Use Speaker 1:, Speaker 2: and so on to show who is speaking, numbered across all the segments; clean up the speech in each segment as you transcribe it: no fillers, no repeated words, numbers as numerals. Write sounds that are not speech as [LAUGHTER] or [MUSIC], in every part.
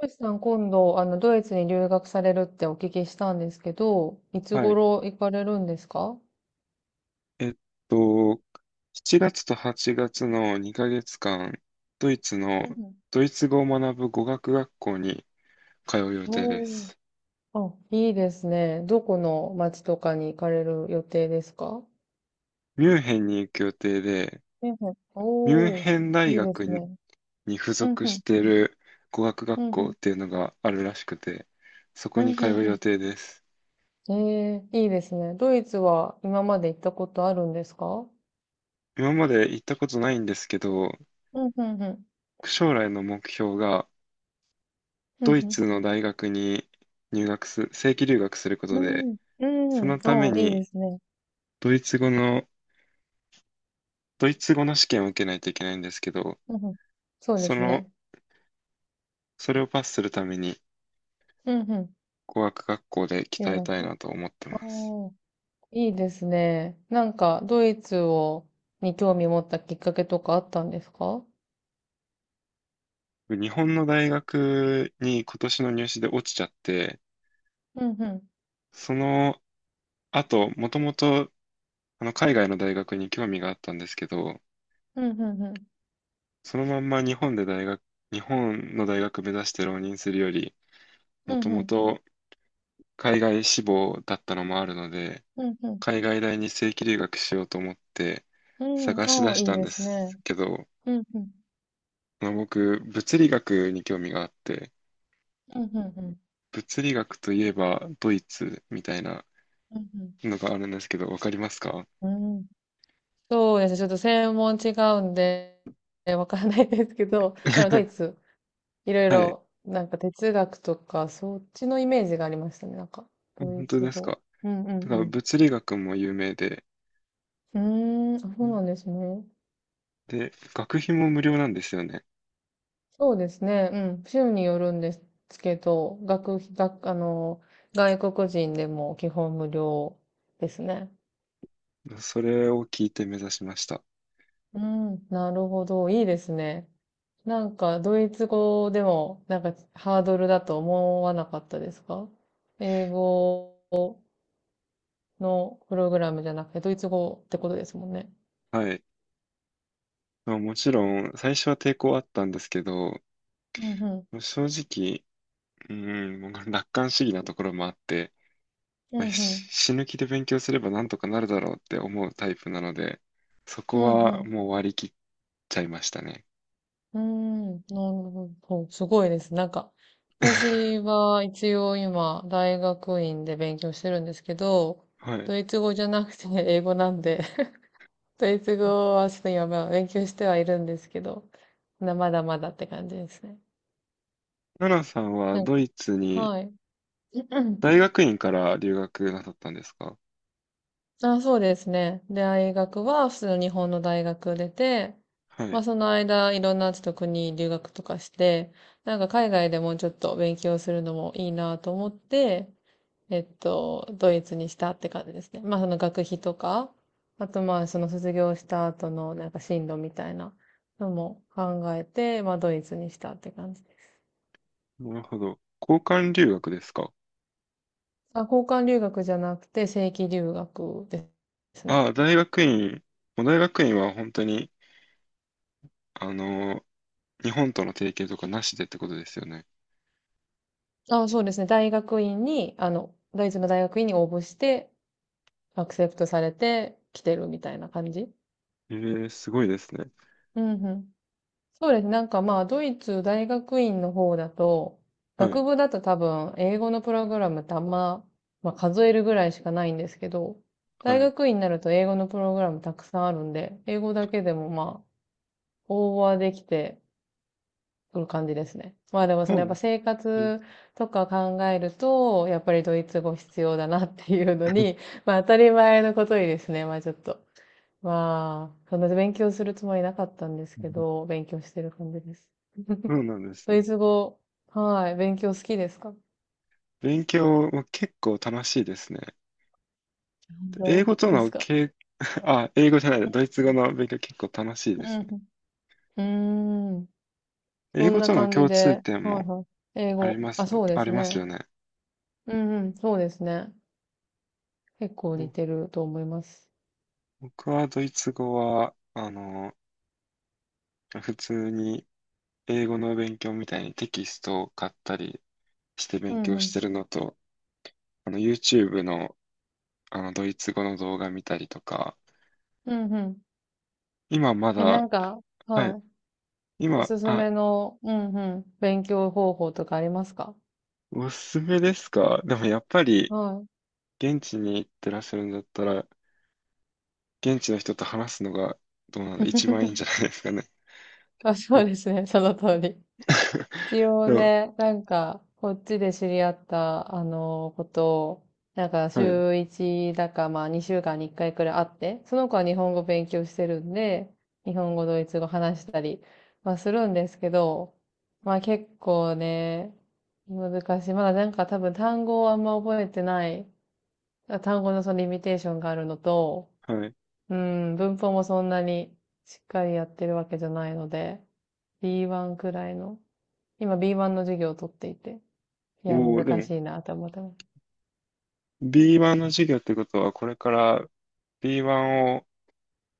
Speaker 1: トシさん、今度、ドイツに留学されるってお聞きしたんですけど、いつ
Speaker 2: はい。
Speaker 1: 頃行かれるんですか？
Speaker 2: えっと、7月と8月の2ヶ月間、ドイツの、
Speaker 1: うん
Speaker 2: ドイツ語を学ぶ語学学校に通う予定で
Speaker 1: おー。
Speaker 2: す。
Speaker 1: あ、いいですね。どこの町とかに行かれる予定ですか？
Speaker 2: ミュンヘンに行く予定で、
Speaker 1: うんうん
Speaker 2: ミュン
Speaker 1: おー、
Speaker 2: ヘン大
Speaker 1: いいで
Speaker 2: 学
Speaker 1: す
Speaker 2: に
Speaker 1: ね。
Speaker 2: に付
Speaker 1: うん
Speaker 2: 属
Speaker 1: うん、
Speaker 2: している語学
Speaker 1: う
Speaker 2: 学
Speaker 1: んう
Speaker 2: 校
Speaker 1: ん、
Speaker 2: っていうのがあるらしくて、そこ
Speaker 1: うん
Speaker 2: に通う
Speaker 1: う
Speaker 2: 予
Speaker 1: ん
Speaker 2: 定です。
Speaker 1: うん。ええ、いいですね。ドイツは今まで行ったことあるんですか？
Speaker 2: 今まで行ったことないんですけど、
Speaker 1: うんうんうん、
Speaker 2: 将来の目標が
Speaker 1: うん
Speaker 2: ドイ
Speaker 1: う
Speaker 2: ツの大学に入学す、正規留学することで、
Speaker 1: ん、う
Speaker 2: そ
Speaker 1: ん、うん、
Speaker 2: のため
Speaker 1: おー、いいで
Speaker 2: に
Speaker 1: すね。
Speaker 2: ドイツ語の、ドイツ語の試験を受けないといけないんですけど、
Speaker 1: うんうん、そうで
Speaker 2: そ
Speaker 1: す
Speaker 2: の、
Speaker 1: ね。
Speaker 2: それをパスするために
Speaker 1: うんうん、
Speaker 2: 語学学校で鍛
Speaker 1: 留
Speaker 2: えたい
Speaker 1: 学。
Speaker 2: なと思ってます。
Speaker 1: おーいいですね。なんか、ドイツを、に興味持ったきっかけとかあったんですか？
Speaker 2: 日本の大学に今年の入試で落ちちゃって、
Speaker 1: うんうん。
Speaker 2: その後、もともと海外の大学に興味があったんですけど、
Speaker 1: うんうんうん。
Speaker 2: そのまんま日本の大学目指して浪人するより、
Speaker 1: う
Speaker 2: もと
Speaker 1: んう
Speaker 2: も
Speaker 1: ん。
Speaker 2: と海外志望だったのもあるので、
Speaker 1: うんうん。
Speaker 2: 海外大に正規留学しようと思って
Speaker 1: うん。
Speaker 2: 探し
Speaker 1: あ
Speaker 2: 出
Speaker 1: あ、
Speaker 2: し
Speaker 1: いい
Speaker 2: たん
Speaker 1: で
Speaker 2: で
Speaker 1: すね。
Speaker 2: すけど、
Speaker 1: うんうん。
Speaker 2: まあ、僕、物理学に興味があって、
Speaker 1: うんうんうん。
Speaker 2: 物理学といえばドイツみたいな
Speaker 1: うん
Speaker 2: のがあるんですけど、わかりますか？
Speaker 1: うん。うんそうですね。ちょっと専門違うんで、わからないですけど、[LAUGHS] まあ、でもドイ
Speaker 2: [LAUGHS]
Speaker 1: ツ、いろい
Speaker 2: はい。
Speaker 1: ろ、なんか哲学とか、そっちのイメージがありましたね。なんか、ド
Speaker 2: 本
Speaker 1: イ
Speaker 2: 当
Speaker 1: ツ
Speaker 2: です
Speaker 1: 語。
Speaker 2: か。
Speaker 1: うんう
Speaker 2: だ
Speaker 1: ん
Speaker 2: から
Speaker 1: う
Speaker 2: 物理学も有名で、
Speaker 1: ん。うーん、あ、そうなんですね。
Speaker 2: 学費も無料なんですよね。
Speaker 1: そうですね。うん。州によるんですけど、学費、外国人でも基本無料ですね。
Speaker 2: それを聞いて目指しました。
Speaker 1: うん。なるほど。いいですね。なんか、ドイツ語でも、なんか、ハードルだと思わなかったですか？英語のプログラムじゃなくて、ドイツ語ってことですもんね。
Speaker 2: はい。まあ、もちろん、最初は抵抗あったんですけど、
Speaker 1: うんうん。
Speaker 2: 正直、うん、もう楽観主義なところもあって、
Speaker 1: う
Speaker 2: まあ、
Speaker 1: んう
Speaker 2: し
Speaker 1: ん。
Speaker 2: 死ぬ気で勉強すればなんとかなるだろうって思うタイプなので、そ
Speaker 1: う
Speaker 2: こ
Speaker 1: んう
Speaker 2: は
Speaker 1: ん。
Speaker 2: もう割り切っちゃいましたね。
Speaker 1: うーん、なるほど。すごいです。なんか、私
Speaker 2: [LAUGHS]
Speaker 1: は一応今、大学院で勉強してるんですけど、
Speaker 2: はい。
Speaker 1: ドイツ語じゃなくて英語なんで、[LAUGHS] ドイツ語はちょっと今、まあ勉強してはいるんですけど、まだまだって感じですね。
Speaker 2: ナナさんは
Speaker 1: なん
Speaker 2: ド
Speaker 1: か、
Speaker 2: イツに
Speaker 1: はい。[CLEARS THROAT]
Speaker 2: 大学院から留学なさったんですか？
Speaker 1: あ、そうですね。で、大学は普通の日本の大学出て、
Speaker 2: は
Speaker 1: ま
Speaker 2: い。
Speaker 1: あその間いろんなちょっと国留学とかして、なんか海外でもうちょっと勉強するのもいいなと思って、ドイツにしたって感じですね。まあその学費とか、あとまあその卒業した後のなんか進路みたいなのも考えて、まあドイツにしたって感じです。
Speaker 2: なるほど。交換留学ですか？
Speaker 1: あ、交換留学じゃなくて正規留学ですね。
Speaker 2: ああ、大学院。もう大学院は本当に、あの、日本との提携とかなしでってことですよね。
Speaker 1: あ、そうですね。大学院に、ドイツの大学院に応募して、アクセプトされて来てるみたいな感じ。
Speaker 2: ええ、すごいですね。
Speaker 1: うんうん。そうですね。なんかまあ、ドイツ大学院の方だと、
Speaker 2: はい。
Speaker 1: 学部だと多分、英語のプログラムってあんま、まあ、数えるぐらいしかないんですけど、
Speaker 2: は
Speaker 1: 大
Speaker 2: い。
Speaker 1: 学院になると英語のプログラムたくさんあるんで、英語だけでもまあ、応募はできて、そういう感じですね。まあでもそ
Speaker 2: そ
Speaker 1: の
Speaker 2: う
Speaker 1: やっ
Speaker 2: な
Speaker 1: ぱ
Speaker 2: ん
Speaker 1: 生
Speaker 2: え
Speaker 1: 活とか考えると、やっぱりドイツ語必要だなっていうのに、
Speaker 2: [LAUGHS]
Speaker 1: [LAUGHS] まあ当たり前のことにですね、まあちょっと。まあ、そんな勉強するつもりなかったんですけど、勉強してる感じです。[LAUGHS]
Speaker 2: そうなんです
Speaker 1: ド
Speaker 2: ね。
Speaker 1: イツ
Speaker 2: [LAUGHS]
Speaker 1: 語、はい、勉強好きですか？
Speaker 2: 勉強も結構楽しいですね。
Speaker 1: ど
Speaker 2: 英
Speaker 1: う
Speaker 2: 語と
Speaker 1: です
Speaker 2: の
Speaker 1: か？
Speaker 2: け、[LAUGHS] あ、英語じゃない、ドイツ語の
Speaker 1: う
Speaker 2: 勉強結構楽しいですね。
Speaker 1: んうん。うーん。
Speaker 2: 英
Speaker 1: そん
Speaker 2: 語
Speaker 1: な
Speaker 2: との
Speaker 1: 感じ
Speaker 2: 共通
Speaker 1: で、
Speaker 2: 点
Speaker 1: はい
Speaker 2: も
Speaker 1: はい。英語。あ、そうで
Speaker 2: あ
Speaker 1: す
Speaker 2: ります
Speaker 1: ね。
Speaker 2: よね。
Speaker 1: うんうん、そうですね。結構
Speaker 2: ぼ
Speaker 1: 似てると思います。
Speaker 2: 僕はドイツ語は、普通に英語の勉強みたいにテキストを買ったりして
Speaker 1: う
Speaker 2: 勉
Speaker 1: んう
Speaker 2: 強し
Speaker 1: ん。
Speaker 2: てるのと、YouTube の、ドイツ語の動画見たりとか、
Speaker 1: うんうん。
Speaker 2: 今まだ、
Speaker 1: なんか、
Speaker 2: は
Speaker 1: は
Speaker 2: い、
Speaker 1: い。お
Speaker 2: 今、
Speaker 1: すす
Speaker 2: あ、
Speaker 1: めの、うんうん、勉強方法とかありますか？
Speaker 2: おすすめですか？でもやっぱり、
Speaker 1: はい。
Speaker 2: 現地に行ってらっしゃるんだったら、現地の人と話すのがどうなんだ、一番いいん
Speaker 1: [LAUGHS]
Speaker 2: じゃないですかね。
Speaker 1: あ、そ
Speaker 2: 僕
Speaker 1: うですね、その通り。
Speaker 2: [LAUGHS]
Speaker 1: 一応
Speaker 2: でも、
Speaker 1: ね、なんか、こっちで知り合った、ことを、なんか、
Speaker 2: はい、
Speaker 1: 週1だか、まあ、2週間に1回くらい会って、その子は日本語勉強してるんで、日本語、ドイツ語話したりはするんですけど、まあ、結構ね、難しい。まだなんか多分単語をあんま覚えてない単語のそのリミテーションがあるのと、
Speaker 2: はい。
Speaker 1: うん、文法もそんなにしっかりやってるわけじゃないので、B1 くらいの、今 B1 の授業を取っていて、いや、
Speaker 2: おお、で
Speaker 1: 難
Speaker 2: も、
Speaker 1: しいなって思ってます。
Speaker 2: B1 の授業ってことは、これから B1 を、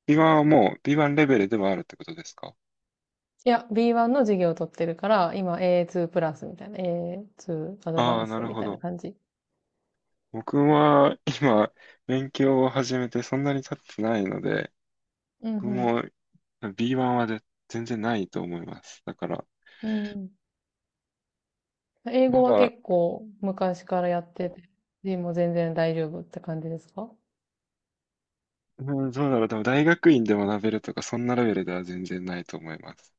Speaker 2: B1 はもう B1 レベルではあるってことですか？
Speaker 1: いや、B1 の授業を取ってるから、今 A2 プラスみたいな、A2 アド
Speaker 2: あ
Speaker 1: バ
Speaker 2: あ、
Speaker 1: ンス
Speaker 2: な
Speaker 1: ト
Speaker 2: る
Speaker 1: み
Speaker 2: ほ
Speaker 1: たいな
Speaker 2: ど。
Speaker 1: 感じ。
Speaker 2: 僕は今、勉強を始めてそんなに経ってないので、
Speaker 1: う
Speaker 2: 僕
Speaker 1: ん
Speaker 2: も B1 は全然ないと思います。だから、
Speaker 1: うん。うん。英
Speaker 2: ま
Speaker 1: 語は
Speaker 2: だ、
Speaker 1: 結構昔からやってて、でも全然大丈夫って感じですか？
Speaker 2: うん、そうだろう。でも大学院で学べるとか、そんなレベルでは全然ないと思います。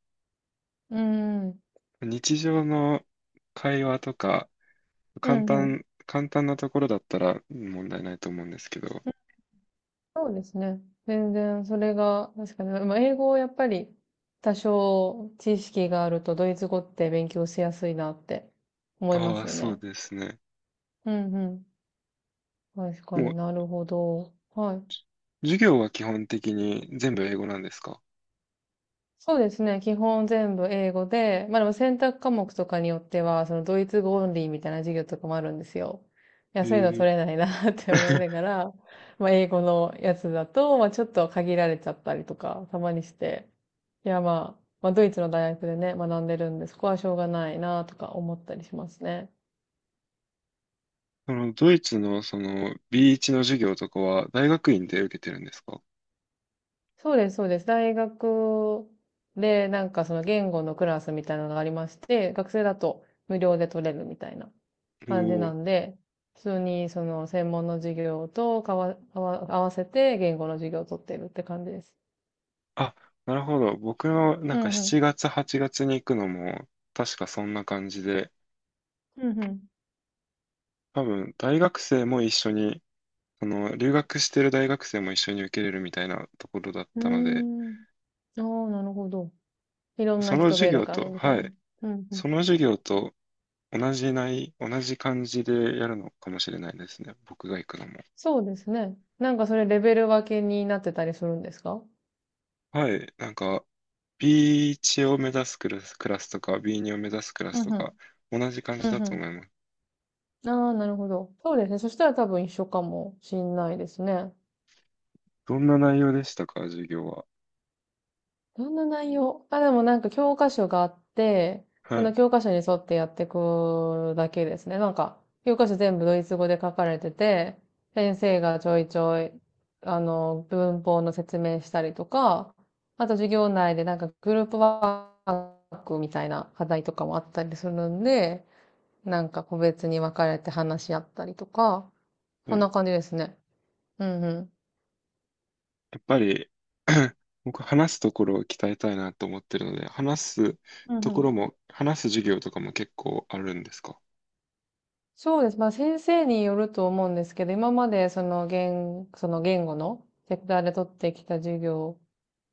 Speaker 1: うん。
Speaker 2: 日常の会話とか、
Speaker 1: う
Speaker 2: 簡
Speaker 1: んうん。
Speaker 2: 単、簡単なところだったら問題ないと思うんですけど。
Speaker 1: そうですね。全然それが、確かに、まあ、英語をやっぱり多少知識があるとドイツ語って勉強しやすいなって思いま
Speaker 2: ああ、
Speaker 1: すよ
Speaker 2: そう
Speaker 1: ね。
Speaker 2: ですね。
Speaker 1: うんうん。確か
Speaker 2: も
Speaker 1: に
Speaker 2: う、
Speaker 1: なるほど。はい。
Speaker 2: 授業は基本的に全部英語なんですか？
Speaker 1: そうですね。基本全部英語で、まあでも選択科目とかによっては、そのドイツ語オンリーみたいな授業とかもあるんですよ。いや、
Speaker 2: え
Speaker 1: そういうの
Speaker 2: え。
Speaker 1: 取れないな [LAUGHS] って思いながら、まあ英語のやつだと、まあちょっと限られちゃったりとか、たまにして。いや、まあ、まあドイツの大学でね、学んでるんで、そこはしょうがないなとか思ったりしますね。
Speaker 2: ドイツのその B1 の授業とかは大学院で受けてるんですか？
Speaker 1: そうです、そうです。大学で、なんかその言語のクラスみたいなのがありまして、学生だと無料で取れるみたいな
Speaker 2: お
Speaker 1: 感じな
Speaker 2: お。
Speaker 1: んで、普通にその専門の授業とかわ、合わ合わせて言語の授業を取ってるって感じです。
Speaker 2: あ、なるほど。僕のな
Speaker 1: う
Speaker 2: んか
Speaker 1: んうん。
Speaker 2: 7月、8月に行くのも、確かそんな感じで、
Speaker 1: うん
Speaker 2: 多分、大学生も一緒に、その、留学してる大学生も一緒に受けれるみたいなところだっ
Speaker 1: う
Speaker 2: たので、
Speaker 1: ん。うーん。ああ、なるほど。いろんな
Speaker 2: その
Speaker 1: 人
Speaker 2: 授
Speaker 1: ベル
Speaker 2: 業
Speaker 1: カ
Speaker 2: と、
Speaker 1: ムみたい
Speaker 2: は
Speaker 1: な。
Speaker 2: い、
Speaker 1: うんうん。
Speaker 2: その授業と同じ感じでやるのかもしれないですね。僕が行くのも。
Speaker 1: そうですね。なんかそれレベル分けになってたりするんですか？
Speaker 2: はい、なんか、B1 を目指すクラスとか、B2 を目指すクラス
Speaker 1: うん
Speaker 2: と
Speaker 1: うん。
Speaker 2: か、同じ感じ
Speaker 1: う
Speaker 2: だ
Speaker 1: んう
Speaker 2: と
Speaker 1: ん。
Speaker 2: 思います。
Speaker 1: ああ、なるほど。そうですね。そしたら多分一緒かもしんないですね。
Speaker 2: どんな内容でしたか、授業は。
Speaker 1: どんな内容あ、でもなんか教科書があって、
Speaker 2: は
Speaker 1: その
Speaker 2: い、
Speaker 1: 教科書に沿ってやっていくだけですね。なんか、教科書全部ドイツ語で書かれてて、先生がちょいちょい、文法の説明したりとか、あと授業内でなんかグループワークみたいな課題とかもあったりするんで、なんか個別に分かれて話し合ったりとか、
Speaker 2: は
Speaker 1: そん
Speaker 2: い。
Speaker 1: な感じですね。うんうん。
Speaker 2: やっぱり [CLEARS THROAT] 僕話すところを鍛えたいなと思ってるので、す
Speaker 1: うんうん。
Speaker 2: 話す授業とかも結構あるんですか？
Speaker 1: そうです。まあ先生によると思うんですけど、今までその言語のセクターで取ってきた授業を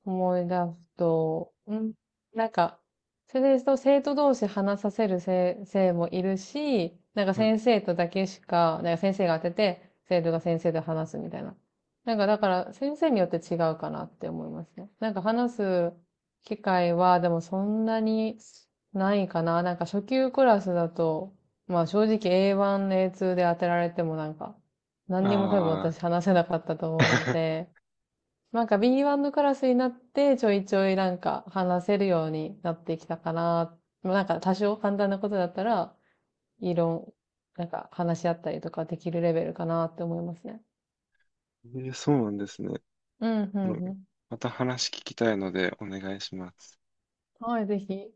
Speaker 1: 思い出すと、うん、なんか、それですと生徒同士話させる先生もいるし、なんか
Speaker 2: はい。
Speaker 1: 先生とだけしか、なんか先生が当てて、生徒が先生と話すみたいな。なんかだから先生によって違うかなって思いますね。なんか話す機会はでもそんなにないかな。なんか初級クラスだと、まあ正直 A1、A2 で当てられてもなんか、何にも多分
Speaker 2: ああ、
Speaker 1: 私話せなかったと思うの
Speaker 2: [LAUGHS]
Speaker 1: で、なんか B1 のクラスになってちょいちょいなんか話せるようになってきたかな。まあなんか多少簡単なことだったら、異論、なんか話し合ったりとかできるレベルかなって思いますね。
Speaker 2: そうなんですね。
Speaker 1: うん、う
Speaker 2: あ
Speaker 1: ん、
Speaker 2: の
Speaker 1: うん。
Speaker 2: また話聞きたいのでお願いします。
Speaker 1: はい、ぜひ。